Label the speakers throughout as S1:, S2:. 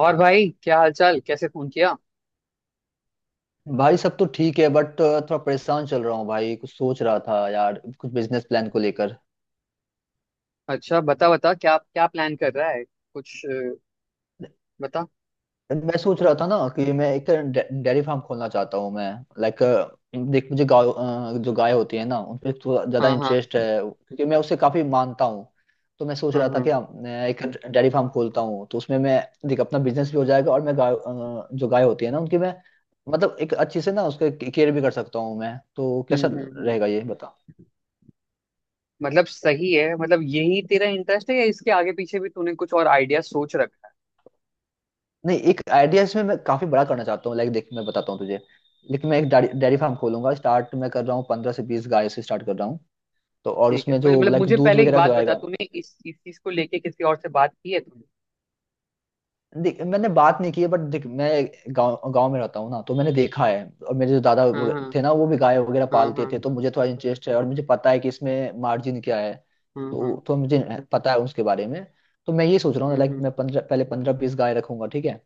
S1: और भाई, क्या हालचाल? कैसे फोन किया?
S2: भाई सब तो ठीक है बट थोड़ा परेशान चल रहा हूँ भाई। कुछ सोच रहा था यार कुछ बिजनेस प्लान को लेकर।
S1: अच्छा, बता बता क्या क्या प्लान कर रहा है कुछ? बता।
S2: मैं सोच रहा था ना कि मैं एक डेयरी फार्म खोलना चाहता हूँ मैं लाइक। देख मुझे गाय जो गाय होती है ना उन पे थोड़ा ज्यादा
S1: हाँ हाँ।
S2: इंटरेस्ट है क्योंकि मैं उसे काफी मानता हूँ। तो मैं सोच
S1: हाँ
S2: रहा था
S1: हाँ।
S2: कि मैं एक डेयरी फार्म खोलता हूँ तो उसमें मैं देख अपना बिजनेस भी हो जाएगा और मैं गाय जो गाय होती है ना उनकी मैं मतलब एक अच्छी से ना उसके केयर भी कर सकता हूँ मैं। तो
S1: हम्म
S2: कैसा
S1: हम्म हम्म
S2: रहेगा
S1: हम्म।
S2: ये बता।
S1: मतलब सही है। मतलब यही तेरा इंटरेस्ट है या इसके आगे पीछे भी तूने कुछ और आइडिया सोच रखा है?
S2: नहीं एक आइडिया इसमें मैं काफी बड़ा करना चाहता हूँ लाइक। देख मैं बताता हूँ तुझे लेकिन मैं एक डेयरी फार्म खोलूंगा। स्टार्ट मैं कर रहा हूँ 15 से 20 गाय से स्टार्ट कर रहा हूँ। तो और
S1: ठीक है।
S2: उसमें जो
S1: मतलब
S2: लाइक
S1: मुझे
S2: दूध
S1: पहले एक
S2: वगैरह जो
S1: बात बता,
S2: आएगा।
S1: तूने इस चीज को लेके किसी और से बात की है तूने?
S2: देख मैंने बात नहीं की है बट देख मैं गांव गांव में रहता हूँ ना तो मैंने देखा है। और मेरे जो दादा
S1: हाँ
S2: वगैरह
S1: हाँ।
S2: थे ना वो भी गाय वगैरह
S1: हाँ
S2: पालते
S1: हाँ।
S2: थे तो मुझे थोड़ा इंटरेस्ट है और मुझे पता है कि इसमें मार्जिन क्या है।
S1: हाँ हाँ।
S2: तो मुझे पता है उसके बारे में। तो मैं ये सोच रहा हूँ लाइक
S1: हम्म।
S2: मैं पंद्रह पहले पंद्रह बीस गाय रखूंगा ठीक है।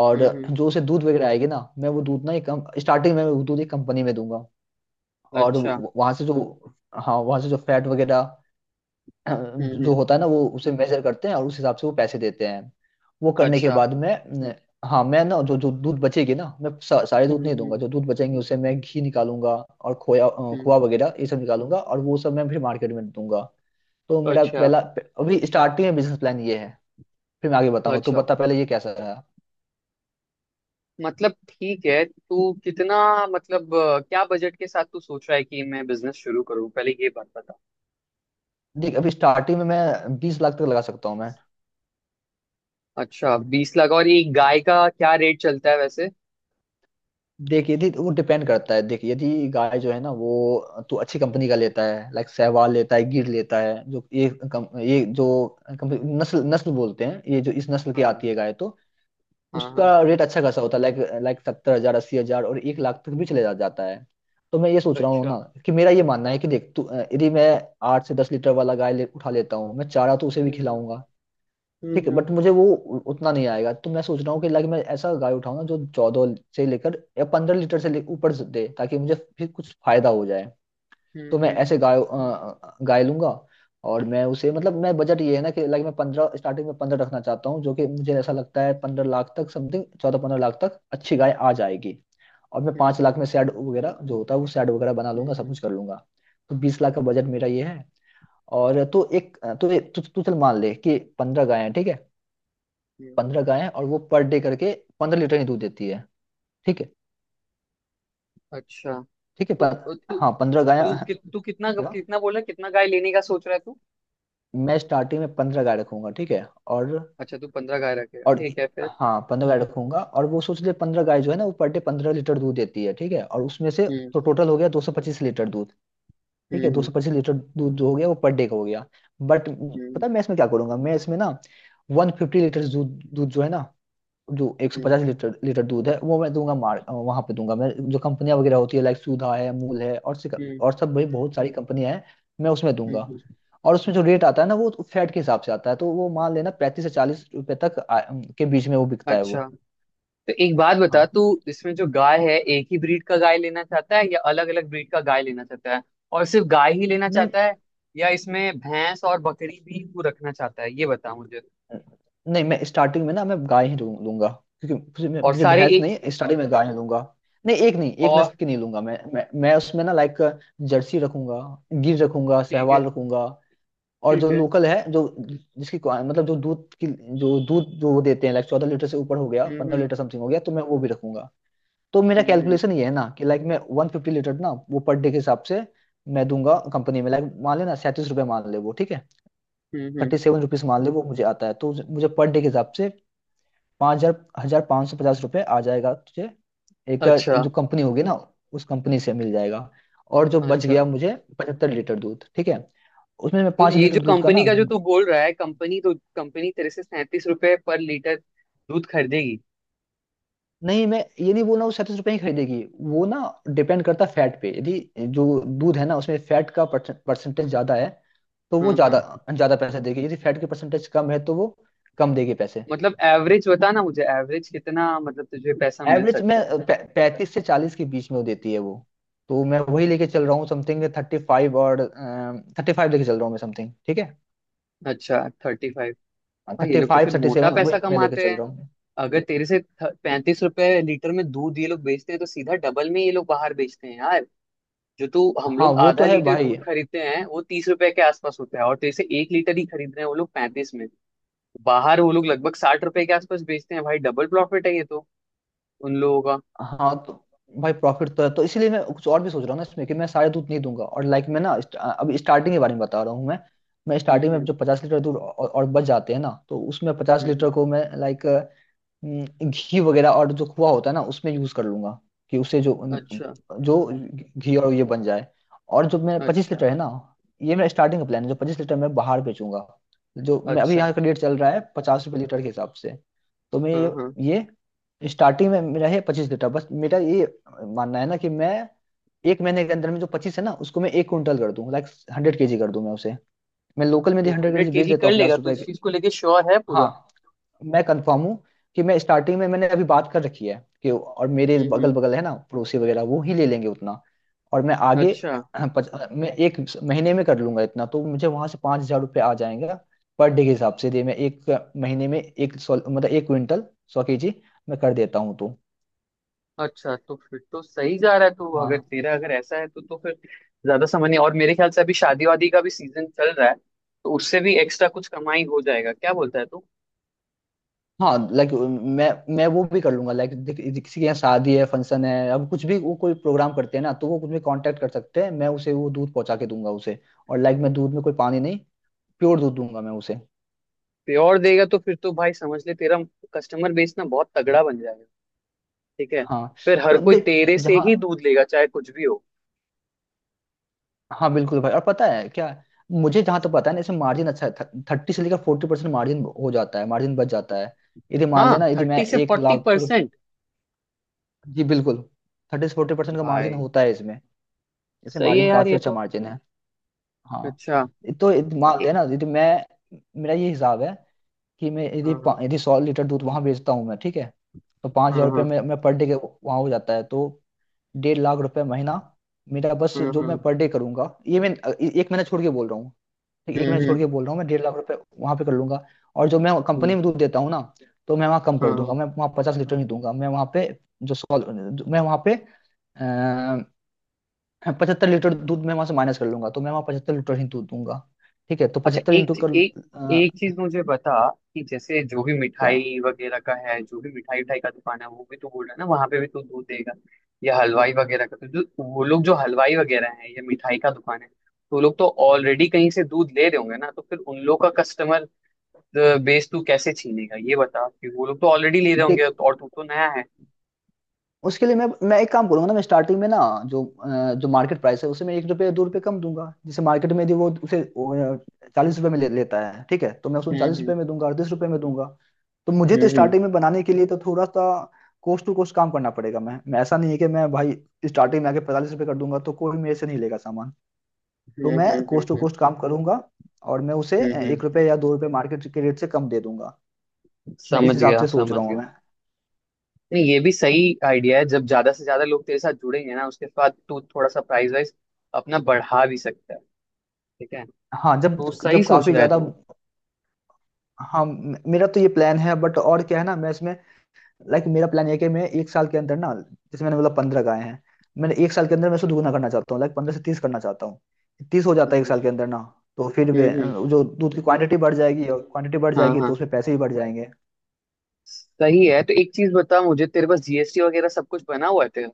S2: और
S1: हम्म हम्म,
S2: जो उसे दूध वगैरह आएगी ना मैं वो दूध ना एक कम स्टार्टिंग में वो दूध एक कंपनी में दूंगा। और
S1: अच्छा।
S2: वहां से जो हाँ वहां से जो फैट वगैरह जो होता
S1: हम्म।
S2: है ना वो उसे मेजर करते हैं और उस हिसाब से वो पैसे देते हैं। वो करने के
S1: अच्छा।
S2: बाद मैं न- हाँ मैं ना जो जो दूध बचेगी ना मैं सारे दूध
S1: हम्म
S2: नहीं दूंगा। जो
S1: हम्म
S2: दूध बचेंगे उसे मैं घी निकालूंगा और खोया खोआ
S1: हम्म,
S2: वगैरह ये सब निकालूंगा और वो सब मैं फिर मार्केट में दूंगा। तो मेरा
S1: अच्छा।
S2: पहला अभी स्टार्टिंग में बिजनेस प्लान ये है। फिर मैं आगे बताऊंगा तो
S1: अच्छा,
S2: बता पहले ये कैसा रहा।
S1: मतलब ठीक है। तू कितना मतलब क्या बजट के साथ तू सोच रहा है कि मैं बिजनेस शुरू करूँ? पहले ये बात बता।
S2: देख अभी स्टार्टिंग में मैं 20 लाख तक लगा सकता हूँ मैं।
S1: अच्छा, 20 लाख। और एक गाय का क्या रेट चलता है वैसे?
S2: देख यदि वो डिपेंड करता है। देख यदि गाय जो है ना वो तू अच्छी कंपनी का लेता है लाइक सहवाल लेता है गिर लेता है जो ये ये जो कंपनी नस्ल नस्ल बोलते हैं ये जो इस नस्ल की
S1: हाँ
S2: आती है गाय तो
S1: हाँ। हाँ।
S2: उसका रेट अच्छा खासा होता है लाइक लाइक 70 हजार 80 हजार और 1 लाख तक भी चले जाता है। तो मैं ये सोच रहा हूँ ना
S1: अच्छा।
S2: कि मेरा ये मानना है कि देख तू यदि मैं 8 से 10 लीटर वाला गाय उठा लेता हूँ मैं चारा तो उसे भी
S1: हम्म
S2: खिलाऊंगा ठीक है
S1: हम्म।
S2: बट मुझे वो उतना नहीं आएगा। तो मैं सोच रहा हूँ कि लाइक मैं ऐसा गाय उठाऊँ ना जो 14 से लेकर या 15 लीटर से ऊपर से दे ताकि मुझे फिर कुछ फायदा हो जाए। तो
S1: हम्म
S2: मैं ऐसे
S1: हम्म
S2: गाय गाय लूंगा। और मैं उसे मतलब मैं बजट ये है ना कि लाइक मैं पंद्रह स्टार्टिंग में पंद्रह रखना चाहता हूँ जो कि मुझे ऐसा लगता है पंद्रह लाख तक समथिंग 14 15 लाख तक अच्छी गाय आ जाएगी। और मैं 5 लाख
S1: हम्म।
S2: में शेड वगैरह जो होता है वो शेड वगैरह बना लूंगा सब
S1: हम्म
S2: कुछ कर लूंगा। तो 20 लाख का
S1: हम्म।
S2: बजट मेरा ये है। और तो एक तो तू तू चल मान ले कि 15 गाय हैं ठीक है।
S1: हम्म,
S2: 15 गायें हैं और वो पर डे करके 15 लीटर ही दूध देती है ठीक है।
S1: अच्छा।
S2: ठीक है
S1: तो
S2: पर
S1: तू
S2: हाँ 15 गायें।
S1: तू कि- तू कितना
S2: क्या?
S1: कितना बोला? कितना गाय लेने का सोच रहा है तू?
S2: मैं स्टार्टिंग में 15 गाय रखूंगा ठीक है। और
S1: अच्छा, तू 15 गाय रखेगा।
S2: और
S1: ठीक है, फिर?
S2: हाँ पंद्रह गाय रखूंगा और वो सोच ले पंद्रह गाय जो है ना वो पर डे 15 लीटर दूध देती है ठीक है और उसमें से।
S1: हम्म
S2: तो टोटल हो गया 225 लीटर दूध। ठीक है दो
S1: हम्म।
S2: सौ पच्चीस लीटर दूध जो हो गया वो पर डे का हो गया। बट
S1: हम्म
S2: पता है मैं इसमें क्या करूंगा मैं इसमें ना वन फिफ्टी लीटर दूध दूध जो है ना जो
S1: हम्म।
S2: 150 लीटर लीटर दूध है वो मैं दूंगा मार वहां पे दूंगा मैं। जो कंपनियां वगैरह होती है लाइक सुधा है अमूल है और
S1: हम्म
S2: और सब भाई बहुत सारी कंपनियां हैं मैं उसमें
S1: हम्म,
S2: दूंगा।
S1: हम्म,
S2: और उसमें जो रेट आता है ना वो फैट के हिसाब से आता है तो वो मान लेना 35 से 40 रुपए तक के बीच में वो बिकता है
S1: अच्छा।
S2: वो।
S1: तो एक बात बता
S2: हाँ।
S1: तू, इसमें जो गाय है एक ही ब्रीड का गाय लेना चाहता है या अलग अलग ब्रीड का गाय लेना चाहता है? और सिर्फ गाय ही लेना
S2: नहीं
S1: चाहता है, या इसमें भैंस और बकरी भी तू रखना चाहता है? ये बता मुझे।
S2: नहीं मैं स्टार्टिंग में ना मैं गाय ही लूंगा क्योंकि मुझे
S1: और
S2: मुझे
S1: सारे
S2: भैंस
S1: एक।
S2: नहीं स्टार्टिंग में गाय ही लूंगा। नहीं एक नहीं एक
S1: और
S2: नस्ल की नहीं लूंगा मैं मैं उसमें ना लाइक जर्सी रखूंगा गिर रखूंगा
S1: ठीक है।
S2: सहवाल रखूंगा। और जो
S1: ठीक है।
S2: लोकल है जो जिसकी मतलब जो दूध की जो दूध जो वो देते हैं लाइक 14 लीटर से ऊपर हो गया
S1: हम्म
S2: पंद्रह
S1: हम्म
S2: लीटर समथिंग हो गया तो मैं वो भी रखूंगा। तो मेरा
S1: हम्म
S2: कैलकुलेशन ये है ना कि लाइक मैं वन फिफ्टी लीटर ना वो पर डे के हिसाब से मैं दूंगा कंपनी में लाइक मान लेना 37 रुपये मान ले वो ठीक है।
S1: हम्म। हम्म।
S2: 37 रुपीज मान ले वो मुझे आता है तो मुझे पर डे के हिसाब से पाँच हजार हजार 5,550 रुपये आ जाएगा तुझे एक एक
S1: अच्छा।
S2: जो कंपनी होगी ना उस कंपनी से मिल जाएगा। और जो बच
S1: अच्छा,
S2: गया मुझे 75 लीटर दूध ठीक है। उसमें मैं
S1: तो
S2: पाँच
S1: ये जो
S2: लीटर दूध का ना।
S1: कंपनी का जो तू बोल रहा है, कंपनी तो कंपनी तेरे से 37 रुपए पर लीटर दूध खरीदेगी?
S2: नहीं मैं ये नहीं बोल रहा हूँ 37 रुपए ही खरीदेगी वो ना। डिपेंड करता है फैट पे। यदि जो दूध है ना उसमें फैट का परसेंटेज ज्यादा है तो वो
S1: हाँ
S2: ज्यादा
S1: हाँ।
S2: ज्यादा पैसे देगी। यदि फैट की परसेंटेज कम है तो वो कम देगी पैसे।
S1: मतलब एवरेज बता ना मुझे। एवरेज कितना मतलब तुझे पैसा मिल
S2: एवरेज में
S1: सकता है?
S2: 35 से 40 के बीच में वो देती है वो। तो मैं वही लेके चल रहा हूँ समथिंग 35। और 35 लेके चल रहा हूँ मैं समथिंग ठीक है।
S1: अच्छा, 30? भाई, ये
S2: थर्टी
S1: लोग तो
S2: फाइव
S1: फिर
S2: थर्टी
S1: मोटा
S2: सेवन वही
S1: पैसा
S2: मैं लेके
S1: कमाते
S2: चल
S1: हैं।
S2: रहा हूँ।
S1: अगर तेरे से 35 रुपए लीटर में दूध ये लोग बेचते हैं तो सीधा डबल में ये लोग बाहर बेचते हैं यार। जो तू, हम
S2: हाँ
S1: लोग
S2: वो तो
S1: आधा
S2: है
S1: लीटर
S2: भाई।
S1: दूध खरीदते हैं वो तीस रुपए के आसपास होता है, और तेरे से एक लीटर ही खरीद रहे हैं वो लोग 35 में। बाहर वो लोग लगभग 60 रुपए के आसपास बेचते हैं भाई। डबल प्रॉफिट है ये तो उन लोगों का।
S2: हाँ तो भाई प्रॉफिट तो है तो इसीलिए मैं कुछ और भी सोच रहा हूँ ना इसमें कि मैं सारे दूध नहीं दूंगा और लाइक मैं ना अभी स्टार्टिंग के बारे में बता रहा हूँ मैं। मैं स्टार्टिंग में
S1: हम्म।
S2: जो 50 लीटर दूध और बच जाते हैं ना तो उसमें पचास
S1: हम्म,
S2: लीटर को मैं लाइक घी वगैरह और जो खोआ होता है ना उसमें यूज कर लूंगा कि उससे जो
S1: अच्छा।
S2: जो घी और ये बन जाए। और जो मेरा पच्चीस
S1: अच्छा।
S2: लीटर है ना ये मेरा स्टार्टिंग का प्लान है। जो 25 लीटर मैं बाहर बेचूंगा जो मैं अभी
S1: अच्छा।
S2: यहाँ का रेट चल रहा है 50 रुपये लीटर के हिसाब से। तो मैं
S1: हाँ
S2: ये
S1: हाँ।
S2: ये स्टार्टिंग में मेरा है 25 कट्ठा बस। मेरा ये मानना है ना कि मैं एक महीने के अंदर में जो पच्चीस है ना उसको मैं एक क्विंटल कर दूं लाइक 100 केजी कर दूं मैं उसे। मैं लोकल में भी
S1: तू
S2: हंड्रेड
S1: हंड्रेड
S2: केजी बेच
S1: केजी
S2: देता
S1: कर
S2: हूँ
S1: लेगा
S2: पचास
S1: तो
S2: रुपए
S1: इस
S2: के।
S1: चीज को लेके श्योर है
S2: हाँ
S1: पूरा?
S2: मैं कंफर्म हूँ कि मैं स्टार्टिंग में मैंने अभी बात कर रखी है कि। और मेरे
S1: हम्म।
S2: बगल बगल है ना पड़ोसी वगैरह वो ही ले लेंगे उतना। और मैं आगे
S1: अच्छा।
S2: हाँ, मैं एक महीने में कर लूंगा इतना तो मुझे वहां से 5,000 रुपये आ जाएगा पर डे के हिसाब से दे। मैं एक महीने में 100 मतलब एक क्विंटल 100 केजी मैं कर देता हूँ तो।
S1: अच्छा, तो फिर तो सही जा रहा है। तो अगर
S2: हाँ
S1: तेरा अगर ऐसा है तो फिर ज्यादा समझ नहीं। और मेरे ख्याल से अभी शादी वादी का भी सीजन चल रहा है, तो उससे भी एक्स्ट्रा कुछ कमाई हो जाएगा। क्या बोलता है तू?
S2: हाँ लाइक मैं मैं वो भी कर लूंगा लाइक किसी के यहाँ शादी है फंक्शन है अब कुछ भी वो कोई प्रोग्राम करते हैं ना तो वो कुछ भी कांटेक्ट कर सकते हैं मैं उसे वो दूध पहुंचा के दूंगा उसे। और लाइक मैं दूध में कोई पानी नहीं प्योर दूध दूंगा मैं उसे।
S1: प्योर देगा तो फिर तो भाई समझ ले, तेरा कस्टमर बेस ना बहुत तगड़ा बन जाएगा। ठीक है?
S2: हाँ
S1: फिर हर
S2: तो
S1: कोई
S2: देख
S1: तेरे से
S2: जहाँ।
S1: ही दूध लेगा चाहे कुछ भी हो।
S2: हाँ बिल्कुल भाई। और पता है क्या मुझे जहाँ तो पता है ना इसमें मार्जिन अच्छा है 30 से लेकर 40% मार्जिन हो जाता है मार्जिन बच जाता है। यदि मान
S1: हाँ,
S2: लेना यदि मैं
S1: थर्टी से
S2: एक
S1: फोर्टी
S2: लाख
S1: परसेंट
S2: जी बिल्कुल 30 से 40% का मार्जिन
S1: भाई
S2: होता है इसमें। इसमें
S1: सही है
S2: मार्जिन
S1: यार
S2: काफी
S1: ये
S2: अच्छा
S1: तो।
S2: मार्जिन है। हाँ
S1: अच्छा।
S2: तो मान
S1: ए-
S2: लेना यदि मैं मेरा ये हिसाब है कि मैं यदि
S1: हाँ हाँ।
S2: यदि 100 लीटर दूध वहां बेचता हूँ मैं ठीक है। तो पाँच हजार
S1: हाँ
S2: रुपये
S1: हाँ।
S2: में मैं पर डे के वहां हो जाता है तो 1.5 लाख रुपए महीना मेरा बस जो मैं
S1: हम्म।
S2: पर डे करूंगा ये मैं एक महीना छोड़ के बोल रहा हूँ। ठीक एक महीना
S1: हम्म
S2: छोड़
S1: हम्म
S2: के बोल रहा हूँ मैं 1.5 लाख रुपए वहां पे कर लूंगा। और जो मैं कंपनी
S1: हम्म,
S2: में दूध देता हूँ ना तो मैं वहाँ कम
S1: हाँ
S2: कर
S1: हाँ।
S2: दूंगा। मैं वहाँ 50 लीटर नहीं दूंगा मैं वहाँ पे जो सौ मैं वहाँ पे 75 लीटर दूध मैं वहां से माइनस कर लूंगा तो मैं वहां 75 लीटर ही दूध दूंगा ठीक है। तो
S1: अच्छा,
S2: पचहत्तर इंटू
S1: एक
S2: कर
S1: एक एक
S2: अ,
S1: चीज मुझे बता, कि जैसे जो भी
S2: या।
S1: मिठाई वगैरह का है, जो भी मिठाई उठाई का दुकान है, वो भी तो बोल रहा है ना, वहां पे भी तो दूध देगा? या हलवाई वगैरह का? तो जो वो लोग जो हलवाई वगैरह है या मिठाई का दुकान है तो वो लोग तो ऑलरेडी कहीं से दूध ले रहे होंगे ना, तो फिर उन लोग का कस्टमर बेस तू कैसे छीनेगा ये बता? कि वो लोग तो ऑलरेडी ले रहे होंगे
S2: देख
S1: और तू तो नया है।
S2: उसके लिए मैं एक काम करूंगा ना। मैं स्टार्टिंग में ना जो जो मार्केट प्राइस है उसे मैं एक रुपये दो रुपये कम दूंगा जैसे मार्केट में यदि वो उसे 40 रुपये में ले लेता है ठीक है तो मैं उसको चालीस
S1: हम्म
S2: रुपये में दूंगा 38 रुपये में दूंगा। तो मुझे तो
S1: हम्म
S2: स्टार्टिंग में बनाने के लिए तो थोड़ा सा कोस्ट टू कोस्ट काम करना पड़ेगा। मैं ऐसा नहीं है कि मैं भाई स्टार्टिंग में आके 45 रुपये कर दूंगा तो कोई मेरे से नहीं लेगा सामान। तो
S1: हम्म।
S2: मैं कोस्ट टू कोस्ट काम करूंगा और मैं उसे
S1: हम्म,
S2: एक
S1: हम्म।
S2: रुपये या दो रुपये मार्केट के रेट से कम दे दूंगा। मैं इस
S1: समझ
S2: हिसाब
S1: गया
S2: से सोच
S1: समझ
S2: रहा हूँ
S1: गया।
S2: मैं।
S1: नहीं, ये भी सही आइडिया है। जब ज्यादा से ज्यादा लोग तेरे साथ जुड़ेंगे ना, उसके बाद तू थोड़ा सा प्राइस वाइज अपना बढ़ा भी सकता है। ठीक है?
S2: हाँ जब
S1: तो सही
S2: जब
S1: सोच
S2: काफी
S1: रहा है
S2: ज्यादा।
S1: तू।
S2: हाँ मेरा तो ये प्लान है बट और क्या है ना मैं इसमें लाइक मेरा प्लान है कि मैं एक साल के अंदर ना जैसे मैंने बोला पंद्रह गाय हैं। मैंने एक साल के अंदर मैं इसको दुगना करना चाहता हूँ लाइक 15 से 30 करना चाहता हूँ। 30 हो जाता है एक साल के
S1: हम्म
S2: अंदर ना तो फिर
S1: हम्म।
S2: जो दूध की क्वांटिटी बढ़ जाएगी और क्वांटिटी बढ़
S1: हाँ
S2: जाएगी तो
S1: हाँ।
S2: उसमें पैसे भी बढ़ जाएंगे।
S1: सही है। तो एक चीज बता मुझे, तेरे पास जीएसटी वगैरह सब कुछ बना हुआ है तेरा?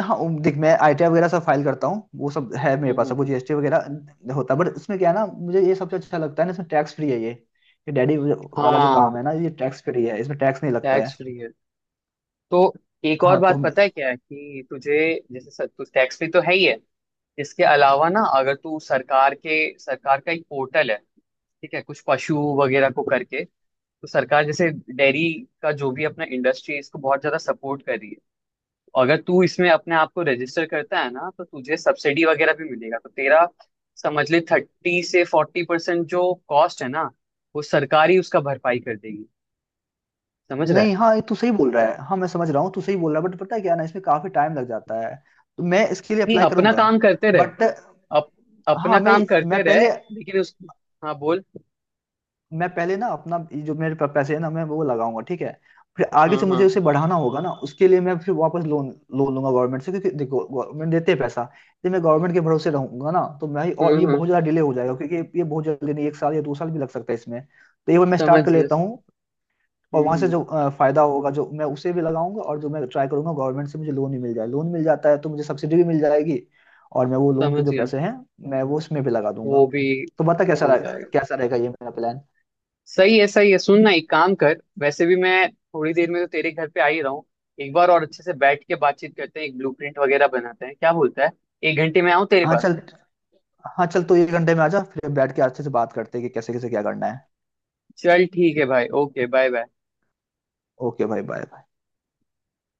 S2: हाँ देख मैं आईटीआर वगैरह सब फाइल करता हूँ वो सब है मेरे
S1: हम्म
S2: पास सब वो
S1: हम्म।
S2: जीएसटी वगैरह होता है बट इसमें क्या है ना मुझे ये सबसे अच्छा लगता है ना। इसमें टैक्स फ्री है ये। ये डैडी वाला जो
S1: हाँ,
S2: काम है ना ये टैक्स फ्री है इसमें टैक्स नहीं लगता
S1: टैक्स
S2: है।
S1: फ्री है। तो एक और
S2: हाँ तो
S1: बात,
S2: मैं।
S1: पता है क्या है कि तुझे, जैसे सर, तू टैक्स फ्री तो है ही है, इसके अलावा ना, अगर तू सरकार के, सरकार का एक पोर्टल है ठीक है, कुछ पशु वगैरह को करके, तो सरकार जैसे डेयरी का जो भी अपना इंडस्ट्री है इसको बहुत ज्यादा सपोर्ट कर रही है। और अगर तू इसमें अपने आप को रजिस्टर करता है ना तो तुझे सब्सिडी वगैरह भी मिलेगा। तो तेरा समझ ले 30 से 40% जो कॉस्ट है ना वो सरकार ही उसका भरपाई कर देगी। समझ रहा
S2: नहीं
S1: है?
S2: हाँ ये तू सही बोल रहा है। हाँ मैं समझ रहा हूँ तू सही बोल रहा है बट पता है क्या ना इसमें काफी टाइम लग जाता है। तो मैं इसके लिए
S1: नहीं,
S2: अप्लाई
S1: अपना
S2: करूंगा
S1: काम करते रहे।
S2: बट
S1: अप,
S2: हाँ
S1: अपना काम
S2: मैं
S1: करते रहे।
S2: पहले
S1: लेकिन उस, हाँ बोल।
S2: मैं पहले ना अपना ये जो मेरे पास पैसे है ना मैं वो लगाऊंगा ठीक है। फिर आगे
S1: हाँ
S2: से मुझे
S1: हाँ।
S2: उसे बढ़ाना होगा ना उसके लिए मैं फिर वापस लोन लोन लूंगा गवर्नमेंट से क्योंकि देखो गवर्नमेंट देते हैं पैसा। यदि मैं गवर्नमेंट के भरोसे रहूंगा ना तो मैं और ये
S1: हम्म।
S2: बहुत ज्यादा डिले हो जाएगा क्योंकि ये बहुत जल्दी नहीं एक साल या 2 साल भी लग सकता है इसमें तो ये मैं
S1: समझ
S2: स्टार्ट कर
S1: गया।
S2: लेता हूँ। और वहां से
S1: हम्म।
S2: जो फायदा होगा जो मैं उसे भी लगाऊंगा और जो मैं ट्राई करूंगा गवर्नमेंट से मुझे लोन ही मिल जाए। लोन मिल जाता है तो मुझे सब्सिडी भी मिल जाएगी। और मैं वो लोन के
S1: समझ
S2: जो
S1: गया।
S2: पैसे हैं मैं वो उसमें भी लगा
S1: वो
S2: दूंगा।
S1: भी
S2: तो बता कैसा
S1: हो
S2: रहेगा।
S1: जाएगा।
S2: कैसा रहेगा ये मेरा प्लान।
S1: सही है सही है। सुन ना, एक काम कर, वैसे भी मैं थोड़ी देर में तो तेरे घर पे आ ही रहा हूँ। एक बार और अच्छे से बैठ के बातचीत करते हैं, एक ब्लूप्रिंट वगैरह बनाते हैं। क्या बोलता है? एक घंटे में आऊँ तेरे
S2: हाँ
S1: पास?
S2: चल। हाँ चल तू 1 घंटे में आ जा फिर बैठ के अच्छे से बात करते हैं कि कैसे कैसे क्या करना है।
S1: चल, ठीक है भाई, ओके बाय बाय।
S2: ओके भाई बाय।